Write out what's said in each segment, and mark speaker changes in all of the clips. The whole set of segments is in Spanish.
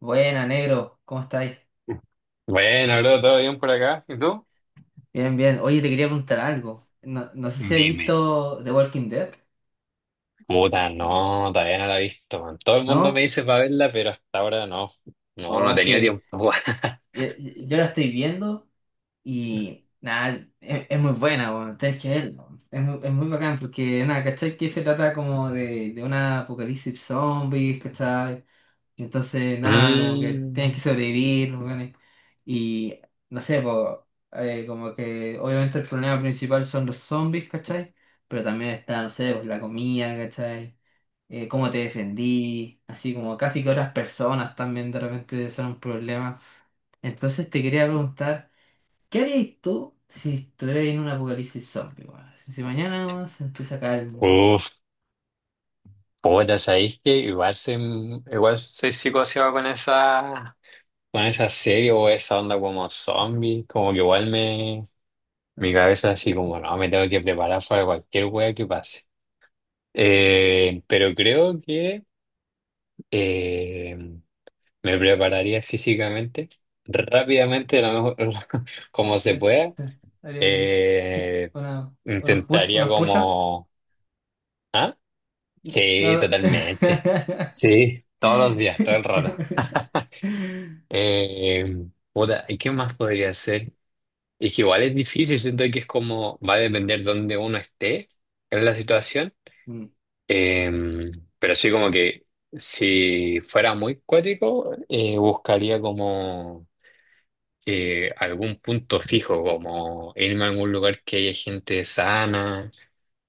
Speaker 1: Buena, negro, ¿cómo estáis?
Speaker 2: Bueno, bro, ¿todo bien por acá? ¿Y tú?
Speaker 1: Bien, bien. Oye, te quería preguntar algo. No, no sé si habéis
Speaker 2: Dime.
Speaker 1: visto The Walking Dead,
Speaker 2: Puta, no, todavía no la he visto, man. Todo el mundo me
Speaker 1: ¿no?
Speaker 2: dice para verla, pero hasta ahora no. No, no
Speaker 1: O
Speaker 2: he
Speaker 1: es
Speaker 2: tenido
Speaker 1: que
Speaker 2: tiempo.
Speaker 1: yo, yo la estoy viendo y nada, es muy buena, bueno, tenés que verla. Es muy bacán porque, nada, ¿cachai? Que se trata como de un apocalipsis zombies, ¿cachai? Y entonces, nada, como que tienen
Speaker 2: Mm,
Speaker 1: que sobrevivir, los weones. Y no sé, po, como que obviamente el problema principal son los zombies, ¿cachai? Pero también está, no sé, pues, la comida, ¿cachai? Cómo te defendí, así como casi que otras personas también de repente son un problema. Entonces te quería preguntar, ¿qué harías tú si estuvieras en un apocalipsis zombie, weón? Si mañana weón, se empieza a caer el mundo,
Speaker 2: uf, puta, ¿sabéis que igual soy psicoseado con esa serie o esa onda como zombie? Como que igual me, mi cabeza así como, no, me tengo que preparar para cualquier wea que pase. Pero creo que... eh, me prepararía físicamente, rápidamente, lo mejor, como
Speaker 1: ¿sí?
Speaker 2: se pueda.
Speaker 1: ¿Harías
Speaker 2: Eh,
Speaker 1: unos push,
Speaker 2: Intentaría
Speaker 1: unos push?
Speaker 2: como... ¿Ah? Sí,
Speaker 1: No.
Speaker 2: totalmente. Sí, todos los días, todo el rato. Eh, Puta, ¿y qué más podría hacer? Es que igual es difícil, siento que es como... Va a depender dónde uno esté en la situación.
Speaker 1: Mm.
Speaker 2: Eh, pero sí como que si fuera muy cuático, buscaría como... algún punto fijo, como irme a algún lugar que haya gente sana.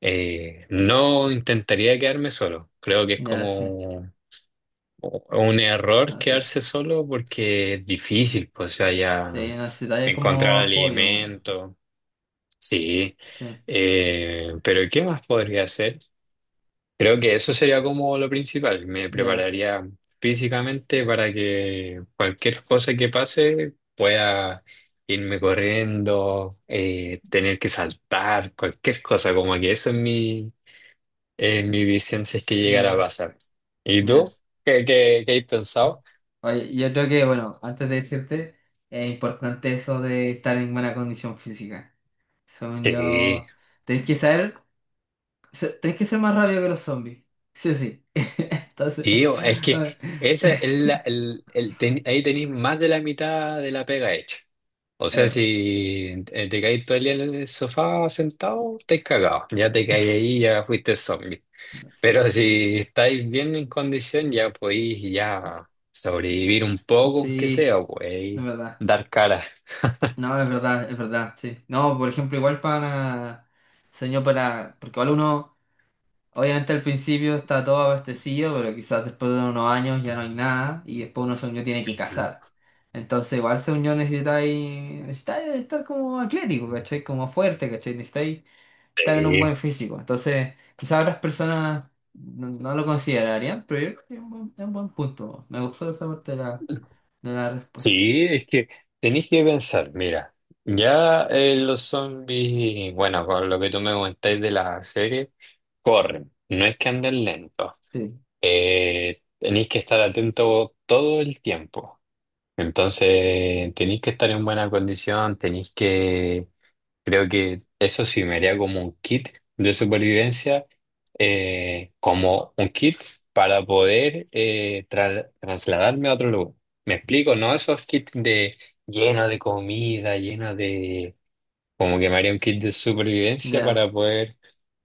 Speaker 2: No intentaría quedarme solo. Creo que es
Speaker 1: Ya, sí,
Speaker 2: como un error
Speaker 1: así
Speaker 2: quedarse
Speaker 1: es.
Speaker 2: solo porque es difícil, pues, o sea, ya
Speaker 1: Sí, necesitaría
Speaker 2: encontrar
Speaker 1: como apoyo, ¿no?
Speaker 2: alimento. Sí.
Speaker 1: Sí,
Speaker 2: Pero ¿qué más podría hacer? Creo que eso sería como lo principal. Me
Speaker 1: ya,
Speaker 2: prepararía físicamente para que cualquier cosa que pase pueda irme corriendo, tener que saltar, cualquier cosa, como que eso es mi, mi visión si es que llegara a
Speaker 1: ya,
Speaker 2: pasar. ¿Y
Speaker 1: ya.
Speaker 2: tú? ¿Qué has pensado?
Speaker 1: Oye, yo creo que, bueno, antes de decirte, es importante eso de estar en buena condición física. Según
Speaker 2: Sí,
Speaker 1: yo, tenés que saber, tenés que ser más rápido que los zombies. Sí, o sí. Entonces,
Speaker 2: sí, es
Speaker 1: a
Speaker 2: que
Speaker 1: ver.
Speaker 2: esa es la, ahí tenéis más de la mitad de la pega hecha. O sea,
Speaker 1: Pero,
Speaker 2: si te caes todo el día en el sofá sentado, estáis cagados. Ya te caes ahí, ya fuiste zombie.
Speaker 1: no sé.
Speaker 2: Pero si estáis bien en condición, ya podéis ya sobrevivir un poco, aunque
Speaker 1: Sí,
Speaker 2: sea,
Speaker 1: es
Speaker 2: podéis
Speaker 1: verdad.
Speaker 2: dar cara.
Speaker 1: No, es verdad, sí. No, por ejemplo, igual para, señor, para, porque igual uno, obviamente al principio está todo abastecido, pero quizás después de unos años ya no hay nada y después uno, según tiene que cazar.
Speaker 2: Ujú.
Speaker 1: Entonces, igual, según yo, necesitáis estar como atlético, ¿cachai? Como fuerte, ¿cachai? Necesitáis estar en un
Speaker 2: Sí.
Speaker 1: buen físico. Entonces, quizás otras personas no, no lo considerarían, pero yo creo que es un buen punto. Me gustó esa parte de la respuesta.
Speaker 2: Sí, es que tenéis que pensar, mira, ya los zombies, bueno, con lo que tú me comentáis de la serie, corren, no es que anden lentos,
Speaker 1: Sí.
Speaker 2: tenéis que estar atentos todo el tiempo. Entonces, tenéis que estar en buena condición, tenéis que, creo que eso sí me haría como un kit de supervivencia, como un kit para poder trasladarme a otro lugar. ¿Me explico? No esos kits de lleno de comida, lleno de... Como que me haría un kit de supervivencia
Speaker 1: Ya.
Speaker 2: para poder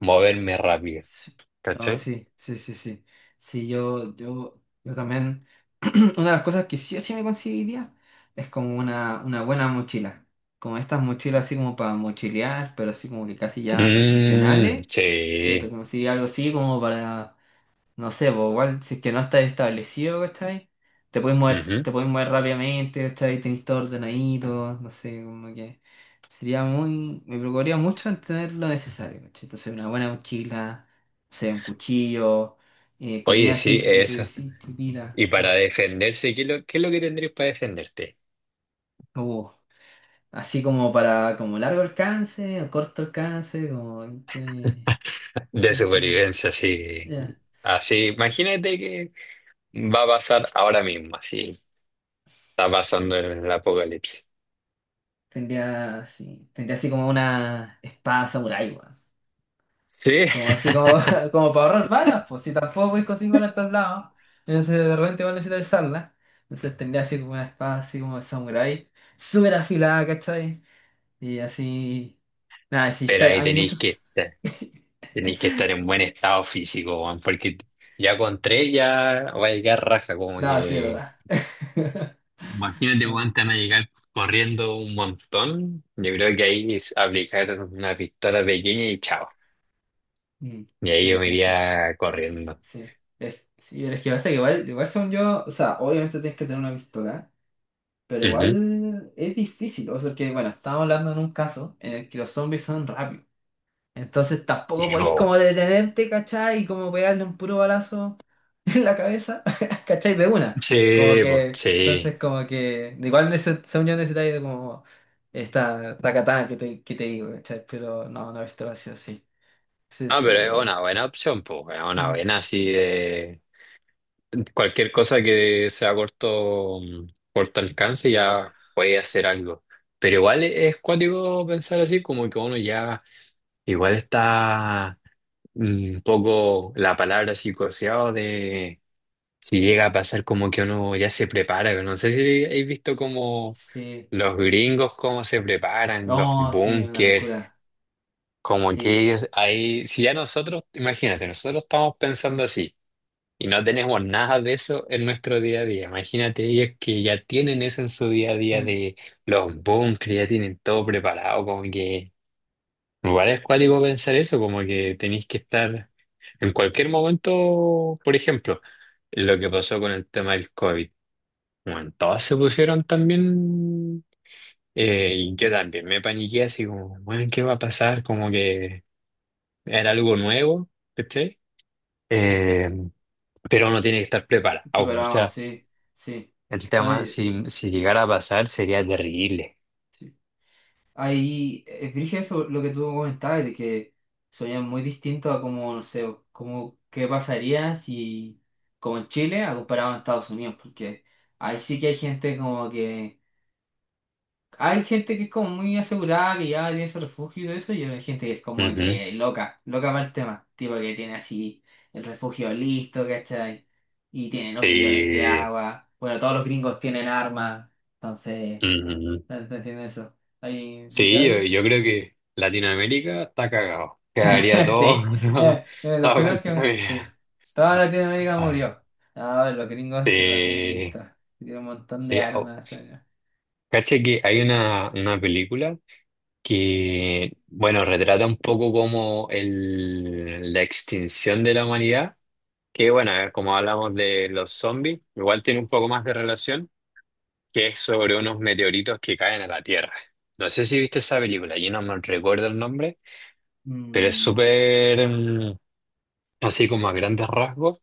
Speaker 2: moverme rápido.
Speaker 1: Sí. No,
Speaker 2: ¿Cachai?
Speaker 1: sí, sí, sí, sí. Sí, yo también. Una de las cosas que sí o sí me conseguiría es como una buena mochila. Como estas mochilas así como para mochilear, pero así como que casi ya
Speaker 2: Mm,
Speaker 1: profesionales. Yo te
Speaker 2: sí.
Speaker 1: conseguí algo así como para. No sé, pues igual, si es que no estás establecido, ¿cachai?
Speaker 2: Ujú.
Speaker 1: Te puedes mover rápidamente, ¿cachai? Tenés todo ordenadito, no sé, como que sería muy, me preocuparía mucho en tener lo necesario, ¿cachai? Entonces una buena mochila, no sé, un cuchillo, comida
Speaker 2: Oye,
Speaker 1: así,
Speaker 2: sí,
Speaker 1: lo que tú
Speaker 2: eso.
Speaker 1: decís, chiquitita.
Speaker 2: Y para defenderse, qué es lo que tendrías para defenderte?
Speaker 1: Uh, así como para, como largo alcance, o corto alcance, como que,
Speaker 2: De
Speaker 1: ¿cachai? Así como,
Speaker 2: supervivencia, sí
Speaker 1: ya.
Speaker 2: Así, imagínate que va a pasar ahora mismo, así. Está pasando el apocalipsis.
Speaker 1: Tendría así como una espada samurái, weón.
Speaker 2: Sí.
Speaker 1: Como así como, como para ahorrar balas, pues si tampoco podéis conseguir balas en todos lados, entonces de repente igual necesitas usarla. Entonces tendría así como una espada así como de samurái, súper afilada, ¿cachai? Y así. Nada, sí,
Speaker 2: Pero
Speaker 1: está-
Speaker 2: ahí
Speaker 1: hay muchos.
Speaker 2: estar, tenéis que estar en buen estado físico, weón, porque ya con tres ya va a llegar raja, como
Speaker 1: Nada, sí,
Speaker 2: que.
Speaker 1: ¿verdad?
Speaker 2: Imagínate, weón, te van a llegar corriendo un montón. Yo creo que ahí es aplicar una pistola pequeña y chao.
Speaker 1: Mm.
Speaker 2: Y ahí
Speaker 1: Sí,
Speaker 2: yo me
Speaker 1: sí, sí.
Speaker 2: iría corriendo.
Speaker 1: Sí. Es, sí, pero es que pasa que igual, igual según yo, o sea, obviamente tienes que tener una pistola, pero
Speaker 2: Ujú.
Speaker 1: igual es difícil, o sea, que bueno, estamos hablando en un caso en el que los zombies son rápidos. Entonces tampoco
Speaker 2: Sí,
Speaker 1: podéis
Speaker 2: po.
Speaker 1: como detenerte, ¿cachai? Y como pegarle un puro balazo en la cabeza, ¿cachai? De una. Como
Speaker 2: Sí, pues,
Speaker 1: que,
Speaker 2: sí.
Speaker 1: entonces como que, igual en ese, esa unión necesitáis de como esta, la katana que te digo, ¿cachai? Pero no, no he visto así, sí. Sí,
Speaker 2: Ah,
Speaker 1: sí,
Speaker 2: pero
Speaker 1: yo
Speaker 2: es
Speaker 1: creo.
Speaker 2: una buena opción, pues, es una
Speaker 1: Mm.
Speaker 2: buena así de cualquier cosa que sea corto, mm, corto alcance ya puede hacer algo. Pero igual es cuático pensar así, como que uno ya igual está mm, un poco la palabra así coseado de si llega a pasar como que uno ya se prepara. No sé si habéis visto como
Speaker 1: Sí.
Speaker 2: los gringos cómo se preparan, los
Speaker 1: No, sí, una
Speaker 2: búnkers.
Speaker 1: locura.
Speaker 2: Como que
Speaker 1: Sí.
Speaker 2: ellos, ahí, si ya nosotros, imagínate, nosotros estamos pensando así y no tenemos nada de eso en nuestro día a día. Imagínate ellos que ya tienen eso en su día a día
Speaker 1: Mm,
Speaker 2: de los bunkers, ya tienen todo preparado, como que igual es
Speaker 1: sí.
Speaker 2: cuático pensar eso, como que tenéis que estar en cualquier momento, por ejemplo, lo que pasó con el tema del COVID. Bueno, todos se pusieron también, y yo también me paniqué así como, bueno, ¿qué va a pasar? Como que era algo nuevo, ¿cachai? Eh, pero uno tiene que estar preparado.
Speaker 1: Pero
Speaker 2: O
Speaker 1: vamos,
Speaker 2: sea,
Speaker 1: sí, sí.
Speaker 2: el
Speaker 1: No,
Speaker 2: tema, si, si llegara a pasar, sería terrible.
Speaker 1: ahí, es dije eso lo que tú comentabas, de que sonían muy distinto a como, no sé, como qué pasaría si, como en Chile, a comparado a Estados Unidos, porque ahí sí que hay gente como que, hay gente que es como muy asegurada, que ya tiene su refugio y todo eso, y hay gente que es como
Speaker 2: Ujú.
Speaker 1: que loca, loca para el tema, tipo que tiene así el refugio listo, ¿cachai? Y tienen los bidones de
Speaker 2: Sí,
Speaker 1: agua, bueno, todos los gringos tienen armas, entonces,
Speaker 2: ujú.
Speaker 1: ¿entienden eso? Ahí,
Speaker 2: Sí, yo,
Speaker 1: literal.
Speaker 2: yo creo que Latinoamérica está cagado. Quedaría todo,
Speaker 1: Sí, los
Speaker 2: todo
Speaker 1: primeros
Speaker 2: contra
Speaker 1: que...
Speaker 2: mí.
Speaker 1: Sí, toda Latinoamérica
Speaker 2: Ay,
Speaker 1: murió. Ah, bueno, los gringos se la tienen
Speaker 2: sí,
Speaker 1: lista. Tienen un montón de
Speaker 2: sí. Au.
Speaker 1: armas.
Speaker 2: Cacha que hay una película que, bueno, retrata un poco como el, la extinción de la humanidad. Que bueno, como hablamos de los zombies, igual tiene un poco más de relación, que es sobre unos meteoritos que caen a la Tierra. No sé si viste esa película, yo no me recuerdo el nombre, pero es
Speaker 1: Mm.
Speaker 2: súper, mm, así como a grandes rasgos,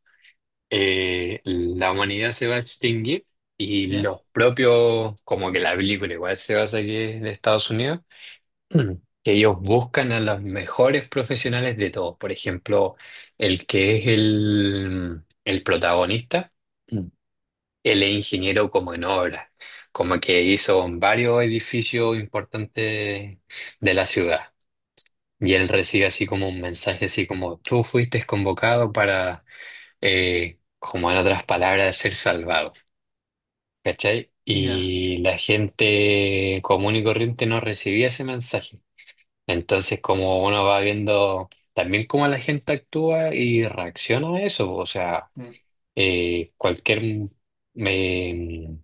Speaker 2: la humanidad se va a extinguir y
Speaker 1: ¿Ya?
Speaker 2: los propios, como que la película igual se basa aquí de Estados Unidos, mm, que ellos buscan a los mejores profesionales de todos. Por ejemplo, el que es el, mm, el protagonista. Mm, él es ingeniero como en obras, como que hizo varios edificios importantes de la ciudad. Y él recibe así como un mensaje, así como tú fuiste convocado para, como en otras palabras, ser salvado. ¿Cachai?
Speaker 1: Ya.
Speaker 2: Y la gente común y corriente no recibía ese mensaje. Entonces, como uno va viendo también cómo la gente actúa y reacciona a eso, o sea,
Speaker 1: eh,
Speaker 2: cualquier... mm, em,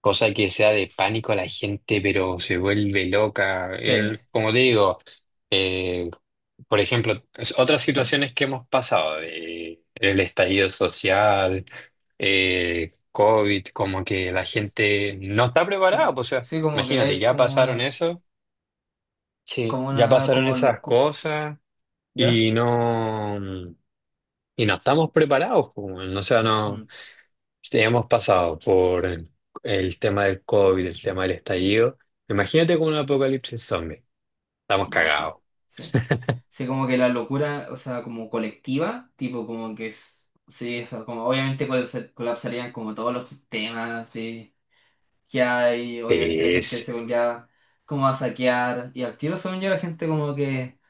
Speaker 2: cosa que sea de pánico a la gente, pero se vuelve loca.
Speaker 1: sí.
Speaker 2: Él, como te digo, eh, por ejemplo, otras situaciones que hemos pasado, de, el estallido social, COVID, como que la gente
Speaker 1: Sí,
Speaker 2: no está preparada.
Speaker 1: sí,
Speaker 2: Pues, o sea,
Speaker 1: sí, como que
Speaker 2: imagínate,
Speaker 1: hay
Speaker 2: ya
Speaker 1: como
Speaker 2: pasaron
Speaker 1: una,
Speaker 2: eso, sí,
Speaker 1: como
Speaker 2: ya
Speaker 1: una,
Speaker 2: pasaron
Speaker 1: como
Speaker 2: esas
Speaker 1: locura.
Speaker 2: cosas
Speaker 1: ¿Ya?
Speaker 2: y no, y no estamos preparados. Pues, o sea, no.
Speaker 1: Mm.
Speaker 2: Sí, hemos pasado por el tema del COVID, el tema del estallido. Imagínate con un apocalipsis zombie. Estamos
Speaker 1: Ah, sí,
Speaker 2: cagados.
Speaker 1: sí. Sí, como que la locura, o sea, como colectiva, tipo como que es, sí, o sea, como obviamente colapsarían como todos los sistemas, sí que hay, obviamente la
Speaker 2: Sí,
Speaker 1: gente
Speaker 2: sí.
Speaker 1: se volvía como a saquear, y al tiro según yo la gente como que,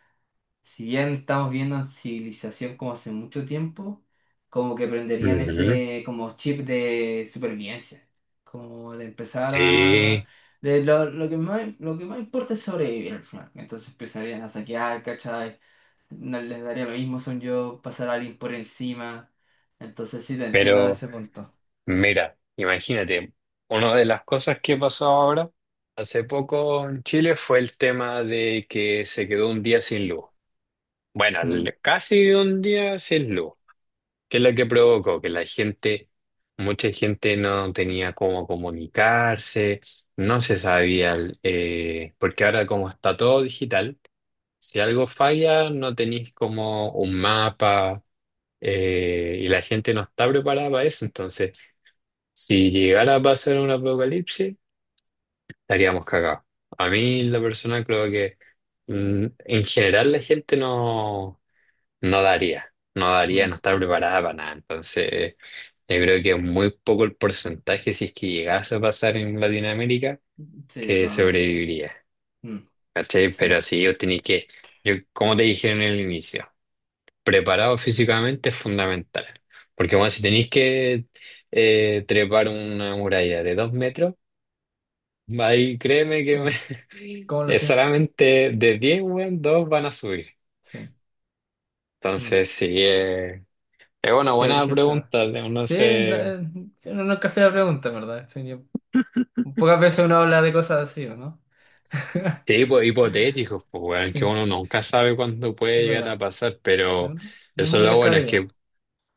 Speaker 1: si bien estamos viendo civilización como hace mucho tiempo, como que prenderían
Speaker 2: Ujú.
Speaker 1: ese como chip de supervivencia, como de empezar a...
Speaker 2: Sí,
Speaker 1: De lo que más importa es sobrevivir al final. Entonces empezarían a saquear, ¿cachai? No les daría lo mismo, son yo, pasar a alguien por encima. Entonces sí, te entiendo en
Speaker 2: pero
Speaker 1: ese punto.
Speaker 2: mira, imagínate, una de las cosas que pasó ahora, hace poco en Chile, fue el tema de que se quedó un día sin luz. Bueno,
Speaker 1: Mm,
Speaker 2: casi un día sin luz. ¿Qué es lo que provocó? Que la gente, mucha gente no tenía cómo comunicarse, no se sabía, porque ahora como está todo digital, si algo falla no tenéis como un mapa y la gente no está preparada para eso. Entonces, si llegara a pasar un apocalipsis, estaríamos cagados. A mí, la persona creo que mm, en general la gente no, no daría, no daría,
Speaker 1: mm,
Speaker 2: no está preparada para nada. Entonces, yo creo que es muy poco el porcentaje, si es que llegase a pasar en Latinoamérica,
Speaker 1: sí,
Speaker 2: que
Speaker 1: totalmente.
Speaker 2: sobreviviría.
Speaker 1: Mm,
Speaker 2: ¿Cachai?
Speaker 1: sí.
Speaker 2: Pero sí, yo tenía que, yo, como te dije en el inicio, preparado físicamente es fundamental. Porque bueno, si tenéis que trepar una muralla de 2 metros, ahí créeme
Speaker 1: Sí,
Speaker 2: que
Speaker 1: ¿cómo lo
Speaker 2: es
Speaker 1: sé?
Speaker 2: solamente de 10, weón, 2 van a subir.
Speaker 1: Sí. Mm.
Speaker 2: Entonces, sí, es una
Speaker 1: Qué
Speaker 2: buena
Speaker 1: brígido estaba.
Speaker 2: pregunta, no
Speaker 1: Sí, no,
Speaker 2: sé.
Speaker 1: sí, uno nunca se la pregunta, en ¿verdad? Pocas veces uno habla de cosas así, ¿o no?
Speaker 2: Sí, pues, hipotéticos, pues, weón,
Speaker 1: Sí,
Speaker 2: que
Speaker 1: es
Speaker 2: uno nunca sabe cuándo puede llegar a
Speaker 1: verdad.
Speaker 2: pasar,
Speaker 1: ¿De
Speaker 2: pero
Speaker 1: verdad? No es
Speaker 2: eso es
Speaker 1: muy
Speaker 2: lo bueno, es que
Speaker 1: descabellado.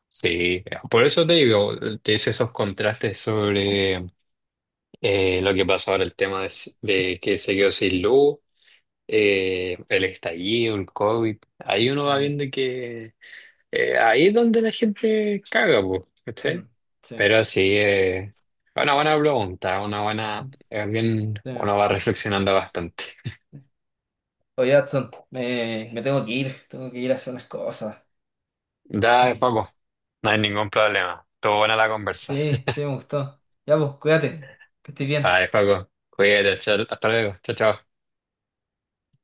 Speaker 2: sí, por eso te digo, te hice esos contrastes sobre lo que pasó ahora, el tema de que se quedó sin luz, el estallido, el COVID, ahí uno va
Speaker 1: Mm.
Speaker 2: viendo que ahí es donde la gente caga, pues, ¿cachai?
Speaker 1: Mm. Sí.
Speaker 2: Pero sí, una buena pregunta, una buena,
Speaker 1: Mm.
Speaker 2: bien,
Speaker 1: Sí.
Speaker 2: uno va reflexionando bastante.
Speaker 1: Oye, Adson, me tengo que ir a hacer unas cosas.
Speaker 2: Dale,
Speaker 1: Sí,
Speaker 2: Paco, no hay ningún problema. Estuvo buena la conversa.
Speaker 1: sí, sí, me gustó. Ya, pues, cuídate, que estés bien.
Speaker 2: Dale, Paco, cuídate, hasta luego, chao, chao.